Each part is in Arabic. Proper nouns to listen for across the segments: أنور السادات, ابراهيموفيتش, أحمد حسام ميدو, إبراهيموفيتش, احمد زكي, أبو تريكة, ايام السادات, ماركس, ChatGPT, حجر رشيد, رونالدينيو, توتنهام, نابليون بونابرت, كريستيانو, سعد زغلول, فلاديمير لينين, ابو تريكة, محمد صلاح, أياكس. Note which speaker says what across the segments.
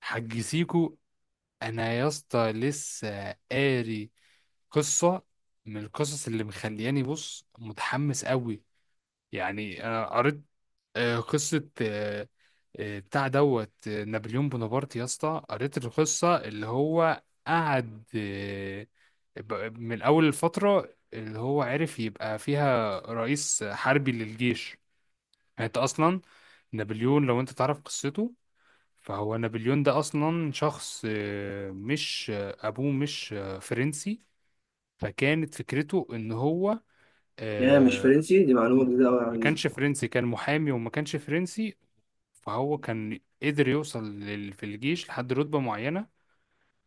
Speaker 1: حج سيكو. انا يا اسطى لسه قاري قصة من القصص اللي مخلياني بص متحمس قوي. يعني انا قريت قصة بتاع دوت نابليون بونابرت يا اسطى، قريت القصة اللي هو قعد من اول الفترة اللي هو عرف يبقى فيها رئيس حربي للجيش. يعني انت اصلا نابليون، لو انت تعرف قصته، فهو نابليون ده اصلا شخص مش ابوه مش فرنسي. فكانت فكرته ان هو
Speaker 2: يا مش
Speaker 1: آه،
Speaker 2: فرنسي دي معلومة جديدة أوي
Speaker 1: ما
Speaker 2: عن
Speaker 1: كانش فرنسي، كان محامي وما كانش فرنسي. فهو كان قدر يوصل في الجيش لحد رتبة معينة،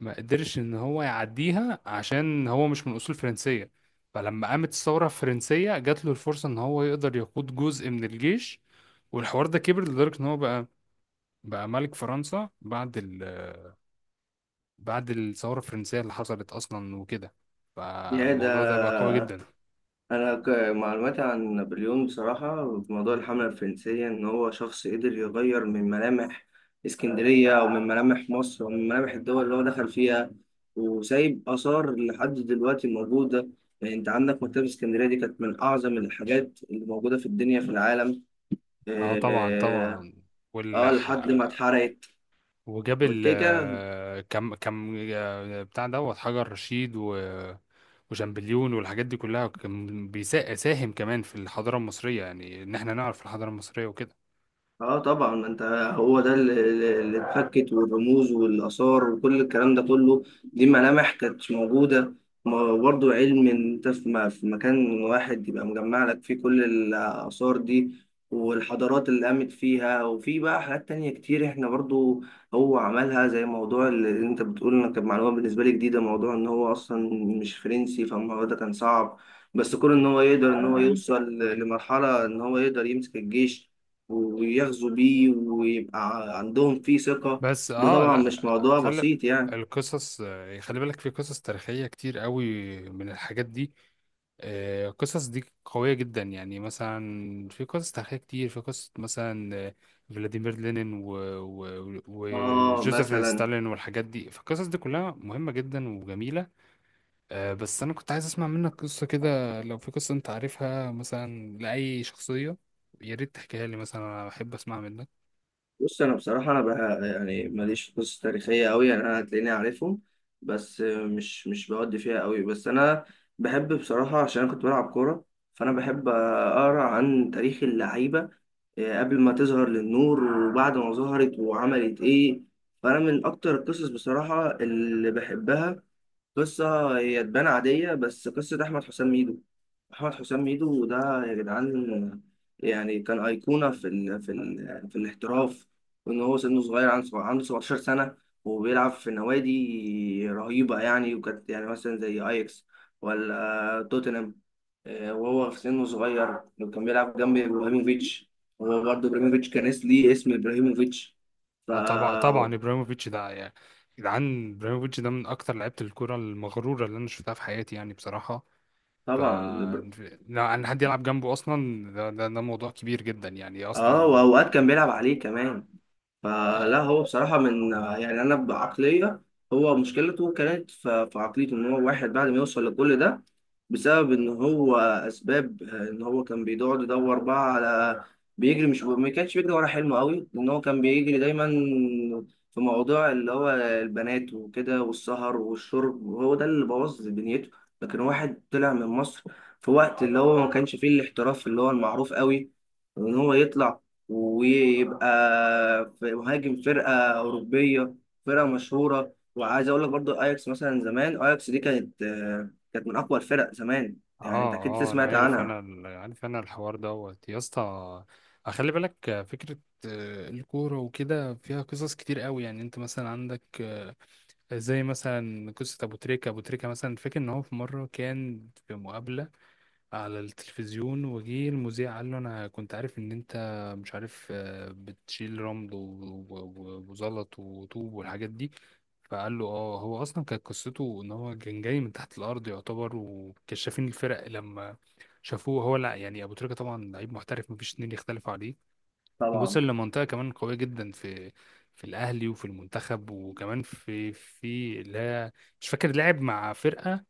Speaker 1: ما قدرش ان هو يعديها عشان هو مش من اصول فرنسية. فلما قامت الثورة الفرنسية جات له الفرصة ان هو يقدر يقود جزء من الجيش، والحوار ده كبر لدرجة ان هو بقى ملك فرنسا بعد الثورة الفرنسية اللي حصلت أصلا وكده.
Speaker 2: يا ده.
Speaker 1: فالموضوع ده بقى قوي جدا.
Speaker 2: أنا معلوماتي عن نابليون بصراحة في موضوع الحملة الفرنسية إن هو شخص قدر يغير من ملامح اسكندرية أو من ملامح مصر أو من ملامح الدول اللي هو دخل فيها وسايب آثار لحد دلوقتي موجودة. يعني أنت عندك مكتبة اسكندرية دي كانت من أعظم الحاجات اللي موجودة في الدنيا في العالم.
Speaker 1: اه طبعا
Speaker 2: آه
Speaker 1: طبعا.
Speaker 2: آه،
Speaker 1: واللي
Speaker 2: لحد ما
Speaker 1: ح-
Speaker 2: اتحرقت
Speaker 1: وجاب
Speaker 2: والكيكة.
Speaker 1: ال كم بتاع دوت حجر رشيد وشامبليون والحاجات دي كلها كان بيساهم كمان في الحضارة المصرية، يعني إن احنا نعرف الحضارة المصرية وكده.
Speaker 2: اه طبعا، ما انت هو ده اللي اتفكت والرموز والاثار وكل الكلام ده كله، دي ملامح كانت موجوده. ما برضو علم ان انت في في مكان واحد يبقى مجمع لك فيه كل الاثار دي والحضارات اللي قامت فيها، وفي بقى حاجات تانية كتير احنا برضو هو عملها. زي موضوع اللي انت بتقول، انا كانت معلومه بالنسبه لي جديده موضوع ان هو اصلا مش فرنسي، فالموضوع ده كان صعب. بس كون ان هو يقدر ان هو يوصل لمرحله ان هو يقدر يمسك الجيش ويغزو بيه ويبقى عندهم فيه ثقة،
Speaker 1: بس
Speaker 2: ده
Speaker 1: اه،
Speaker 2: طبعا
Speaker 1: لا،
Speaker 2: مش موضوع
Speaker 1: خلي
Speaker 2: بسيط يعني.
Speaker 1: القصص خلي بالك، في قصص تاريخية كتير قوي من الحاجات دي. القصص دي قوية جدا، يعني مثلا في قصص تاريخية كتير، في قصة مثلا فلاديمير لينين
Speaker 2: اه
Speaker 1: وجوزيف
Speaker 2: مثلا.
Speaker 1: ستالين والحاجات دي، فالقصص دي كلها مهمة جدا وجميلة. بس أنا كنت عايز أسمع منك قصة كده، لو في قصة أنت عارفها مثلا لأي شخصية يا ريت تحكيها لي، مثلا أنا بحب أسمع منك.
Speaker 2: بص انا بصراحة انا بقى يعني ماليش في قصص تاريخية قوي، يعني انا هتلاقيني عارفهم بس مش بودي فيها قوي، بس انا بحب بصراحة، عشان انا كنت بلعب كورة فانا بحب اقرا عن تاريخ اللعيبة قبل ما تظهر للنور وبعد ما ظهرت وعملت ايه. فانا من اكتر القصص بصراحة اللي بحبها قصة هي تبان عادية، بس قصة أحمد حسام ميدو. أحمد حسام ميدو ده يا جدعان يعني كان أيقونة في ال في ال في الاحتراف وإن هو سنه صغير، عنده عنده 17 سنة وبيلعب في نوادي رهيبة يعني، وكانت يعني مثلا زي أياكس ولا توتنهام. وهو في سنه صغير كان بيلعب جنب إبراهيموفيتش. هو برضه إبراهيموفيتش كان ليه اسم إبراهيموفيتش.
Speaker 1: آه طبعا
Speaker 2: فطبعا
Speaker 1: طبعا، ابراهيموفيتش ده يعني جدعان، ابراهيموفيتش ده من اكتر لعيبه الكوره المغروره اللي انا شفتها في حياتي يعني بصراحه. ف لا، ان حد يلعب جنبه اصلا، ده موضوع كبير جدا يعني
Speaker 2: آه،
Speaker 1: اصلا.
Speaker 2: وأوقات كان بيلعب عليه كمان. فلا
Speaker 1: اه
Speaker 2: هو بصراحة من يعني أنا بعقلية، هو مشكلته كانت في عقليته، إن هو واحد بعد ما يوصل لكل ده بسبب إن هو أسباب، إن هو كان بيقعد يدور بقى على، بيجري، مش ما كانش بيجري ورا حلمه قوي، لأن هو كان بيجري دايما في موضوع اللي هو البنات وكده والسهر والشرب، وهو ده اللي بوظ دنيته. لكن واحد طلع من مصر في وقت اللي هو ما كانش فيه الاحتراف اللي هو المعروف قوي، وإن هو يطلع ويبقى في مهاجم فرقة أوروبية، فرقة مشهورة. وعايز أقول لك برضو أياكس مثلا، زمان أياكس دي كانت، كانت من أقوى الفرق زمان يعني، أنت أكيد
Speaker 1: اه،
Speaker 2: سمعت
Speaker 1: انا
Speaker 2: عنها.
Speaker 1: عارف انا الحوار يا اسطى، خلي بالك فكره الكوره وكده فيها قصص كتير قوي. يعني انت مثلا عندك زي مثلا قصه ابو تريكه، مثلا فاكر ان هو في مره كان في مقابله على التلفزيون، وجه المذيع قال له انا كنت عارف ان انت مش عارف بتشيل رمل وزلط وطوب والحاجات دي. فقال له اه، هو اصلا كانت قصته ان هو كان جاي من تحت الارض يعتبر، وكشافين الفرق لما شافوه، هو لا يعني ابو تريكة طبعا لعيب محترف مفيش اتنين يختلفوا عليه. ووصل
Speaker 2: طبعا.
Speaker 1: لمنطقة كمان قوية جدا في الاهلي وفي المنتخب وكمان في اللي هي مش فاكر، لعب مع فرقة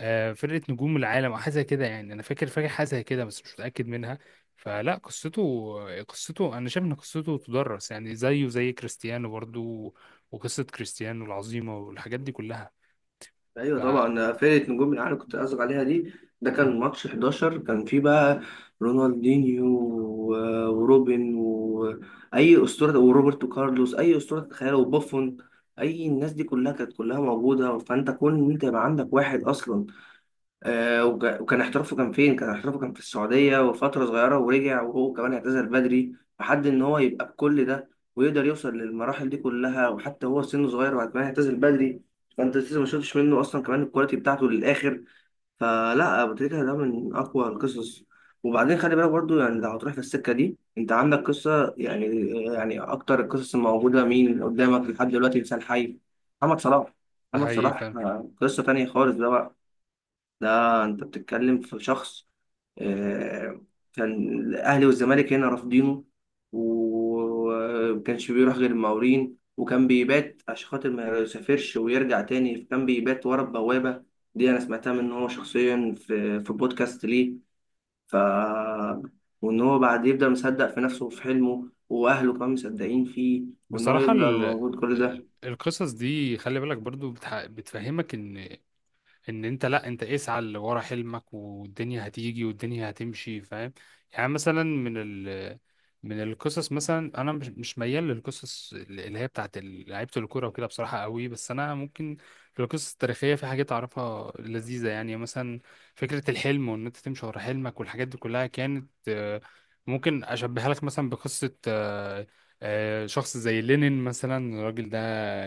Speaker 1: فرقة نجوم العالم أو حاجة زي كده، يعني أنا فاكر حاجة زي كده بس مش متأكد منها. فلا، قصته أنا شايف إن قصته تدرس، يعني زيه زي كريستيانو برضو، وقصة كريستيانو العظيمة والحاجات دي كلها.
Speaker 2: أيوه
Speaker 1: ف-
Speaker 2: طبعا، فرقة نجوم الأهلي كنت قصدك عليها دي. ده كان ماتش 11، كان فيه بقى رونالدينيو وروبن وأي أسطورة وروبرتو كارلوس أي أسطورة تتخيلها وبوفون، أي الناس دي كلها كانت كلها موجودة. فأنت كون إن أنت يبقى عندك واحد أصلا، وكان احترافه كان فين؟ كان احترافه كان في السعودية وفترة صغيرة ورجع، وهو كمان اعتزل بدري. لحد إن هو يبقى بكل ده ويقدر يوصل للمراحل دي كلها، وحتى هو سنه صغير وبعد كمان اعتزل بدري، فأنت لسه ما شفتش منه أصلا كمان الكواليتي بتاعته للآخر. فلا أبو تريكة ده من أقوى القصص. وبعدين خلي بالك برضو يعني، لو هتروح في السكة دي أنت عندك قصة يعني، يعني أكتر القصص الموجودة مين قدامك لحد دلوقتي إنسان حي، محمد صلاح. محمد
Speaker 1: فهي ف
Speaker 2: صلاح قصة تانية خالص ده بقى. ده انت بتتكلم في شخص، آه، كان الاهلي والزمالك هنا رافضينه ومكانش بيروح غير المقاولين، وكان بيبات عشان خاطر ما يسافرش ويرجع تاني، كان بيبات ورا البوابة. دي انا سمعتها منه هو شخصيا في بودكاست ليه. ف، وان هو بعد يبدأ مصدق في نفسه وفي حلمه واهله كمان مصدقين فيه، وان هو
Speaker 1: بصراحة
Speaker 2: يفضل موجود كل ده.
Speaker 1: القصص دي، خلي بالك برضو بتفهمك ان انت، لا، انت اسعى اللي ورا حلمك والدنيا هتيجي والدنيا هتمشي فاهم. يعني مثلا من القصص مثلا انا مش ميال للقصص اللي هي بتاعت لعيبه الكوره وكده بصراحه قوي، بس انا ممكن في القصص التاريخيه في حاجات اعرفها لذيذه يعني مثلا. فكره الحلم وان انت تمشي ورا حلمك والحاجات دي كلها كانت ممكن اشبهها لك مثلا بقصه شخص زي لينين مثلا. الراجل ده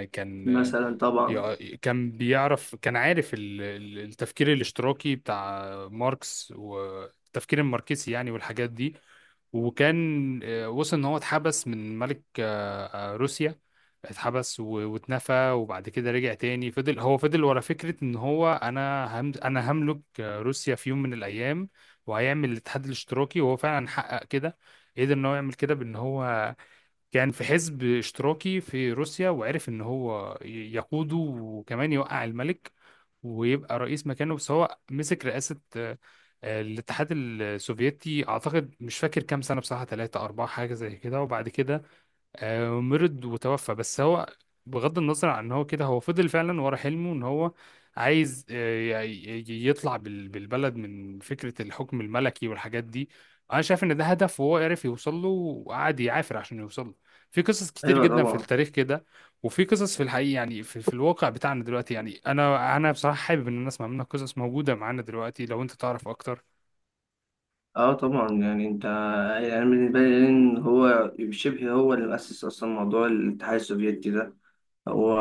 Speaker 1: كان
Speaker 2: مثلا طبعا.
Speaker 1: يع- كان بيعرف كان عارف التفكير الاشتراكي بتاع ماركس والتفكير الماركسي يعني والحاجات دي. وكان وصل ان هو اتحبس من ملك روسيا، اتحبس واتنفى، وبعد كده رجع تاني. هو فضل ورا فكرة ان هو انا هملك روسيا في يوم من الايام، وهيعمل الاتحاد الاشتراكي، وهو فعلا حقق كده. قدر ان هو يعمل كده بان هو كان في حزب اشتراكي في روسيا، وعرف ان هو يقوده وكمان يوقع الملك ويبقى رئيس مكانه. بس هو مسك رئاسة الاتحاد السوفيتي، اعتقد مش فاكر كام سنة بصراحة، ثلاثة أربعة حاجة زي كده، وبعد كده مرض وتوفى. بس هو، بغض النظر عن ان هو كده، هو فضل فعلا ورا حلمه ان هو عايز يطلع بالبلد من فكرة الحكم الملكي والحاجات دي. انا شايف ان ده هدف، وهو عرف يوصل له وقعد يعافر عشان يوصل له. في قصص كتير
Speaker 2: ايوه
Speaker 1: جدا في
Speaker 2: طبعا.
Speaker 1: التاريخ كده، وفي قصص في الحقيقة يعني في الواقع بتاعنا دلوقتي. يعني انا بصراحة حابب ان الناس اسمع منها قصص موجودة معانا دلوقتي، لو انت تعرف اكتر.
Speaker 2: اه طبعا، يعني انت يعني أنا بالنسبه لي ان هو شبه هو اللي مؤسس اصلا موضوع الاتحاد السوفيتي ده هو،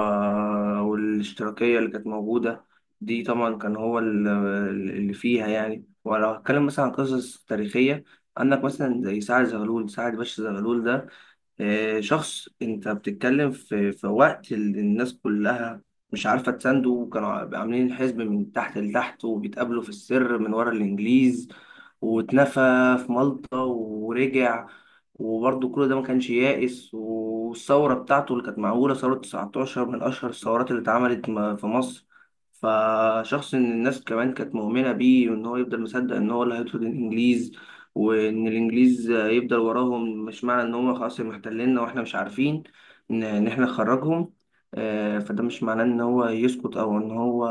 Speaker 2: والاشتراكيه اللي كانت موجوده دي طبعا كان هو اللي فيها يعني. ولو هتكلم مثلا عن قصص تاريخيه، عندك مثلا زي سعد زغلول، سعد باشا زغلول ده شخص انت بتتكلم في في وقت الناس كلها مش عارفه تسانده، وكانوا عاملين الحزب من تحت لتحت وبيتقابلوا في السر من ورا الانجليز، واتنفى في مالطا ورجع. وبرضه كل ده ما كانش يائس، والثوره بتاعته اللي كانت معموله ثوره 19 من اشهر الثورات اللي اتعملت في مصر. فشخص ان الناس كمان كانت مؤمنه بيه، وان هو يفضل مصدق ان هو اللي هيطرد الانجليز، وان الانجليز يفضل وراهم. مش معنى ان هم خلاص محتليننا واحنا مش عارفين ان إن احنا نخرجهم، فده مش معناه ان هو يسكت او ان هو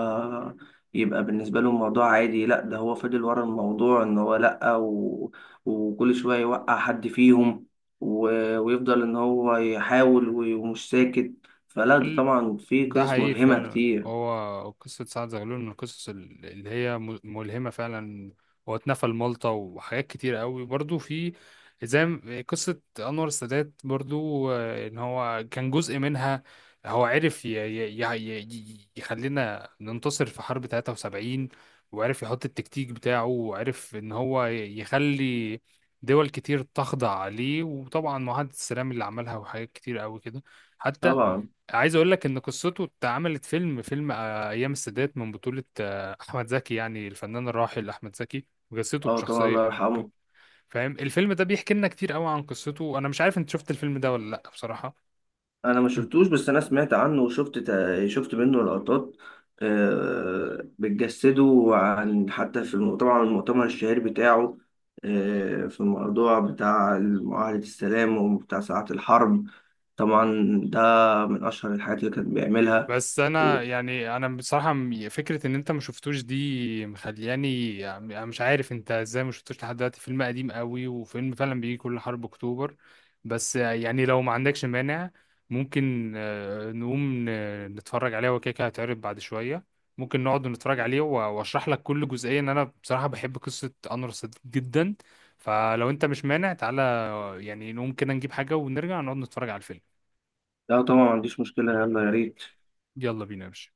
Speaker 2: يبقى بالنسبه له الموضوع عادي. لا ده هو فضل ورا الموضوع، ان هو لا، وكل شويه يوقع حد فيهم، و... ويفضل ان هو يحاول ومش ساكت. فلا ده طبعا في
Speaker 1: ده
Speaker 2: قصص
Speaker 1: حقيقي
Speaker 2: ملهمه
Speaker 1: فعلا،
Speaker 2: كتير.
Speaker 1: هو قصة سعد زغلول من القصص اللي هي ملهمة فعلا. هو اتنفى لمالطا، وحاجات كتير قوي برضو في قصة أنور السادات برضو، إن هو كان جزء منها. هو عرف يخلينا ننتصر في حرب 73، وعرف يحط التكتيك بتاعه، وعرف إن هو يخلي دول كتير تخضع عليه، وطبعا معاهدة السلام اللي عملها وحاجات كتير قوي كده. حتى
Speaker 2: طبعا.
Speaker 1: عايز اقول لك ان قصته اتعملت فيلم، ايام السادات، من بطولة احمد زكي، يعني الفنان الراحل احمد زكي. قصته
Speaker 2: اه طبعا،
Speaker 1: بشخصية
Speaker 2: الله يرحمه.
Speaker 1: فاهم، الفيلم ده بيحكي لنا كتير قوي عن قصته. انا مش عارف انت شفت الفيلم ده ولا لا، بصراحة.
Speaker 2: انا ما شفتوش بس انا سمعت عنه وشفت شفت منه لقطات بتجسده عن، حتى في طبعا المؤتمر الشهير بتاعه، في الموضوع بتاع معاهدة السلام وبتاع ساعة الحرب. طبعا ده من اشهر الحاجات اللي كان بيعملها.
Speaker 1: بس انا
Speaker 2: و-
Speaker 1: يعني انا بصراحه فكره ان انت ما شفتوش دي مخلياني يعني، أنا مش عارف انت ازاي ما شفتوش لحد دلوقتي، فيلم قديم قوي وفيلم فعلا بيجي كل حرب اكتوبر. بس يعني لو ما عندكش مانع، ممكن نقوم نتفرج عليه، هو كده كده هيتعرض بعد شويه. ممكن نقعد نتفرج عليه واشرح لك كل جزئيه، ان انا بصراحه بحب قصه انور السادات جدا. فلو انت مش مانع، تعالى يعني نقوم كده نجيب حاجه ونرجع نقعد نتفرج على الفيلم.
Speaker 2: لا طبعا ما عنديش مشكلة، يلا يا ريت.
Speaker 1: يلا بينا يا باشا.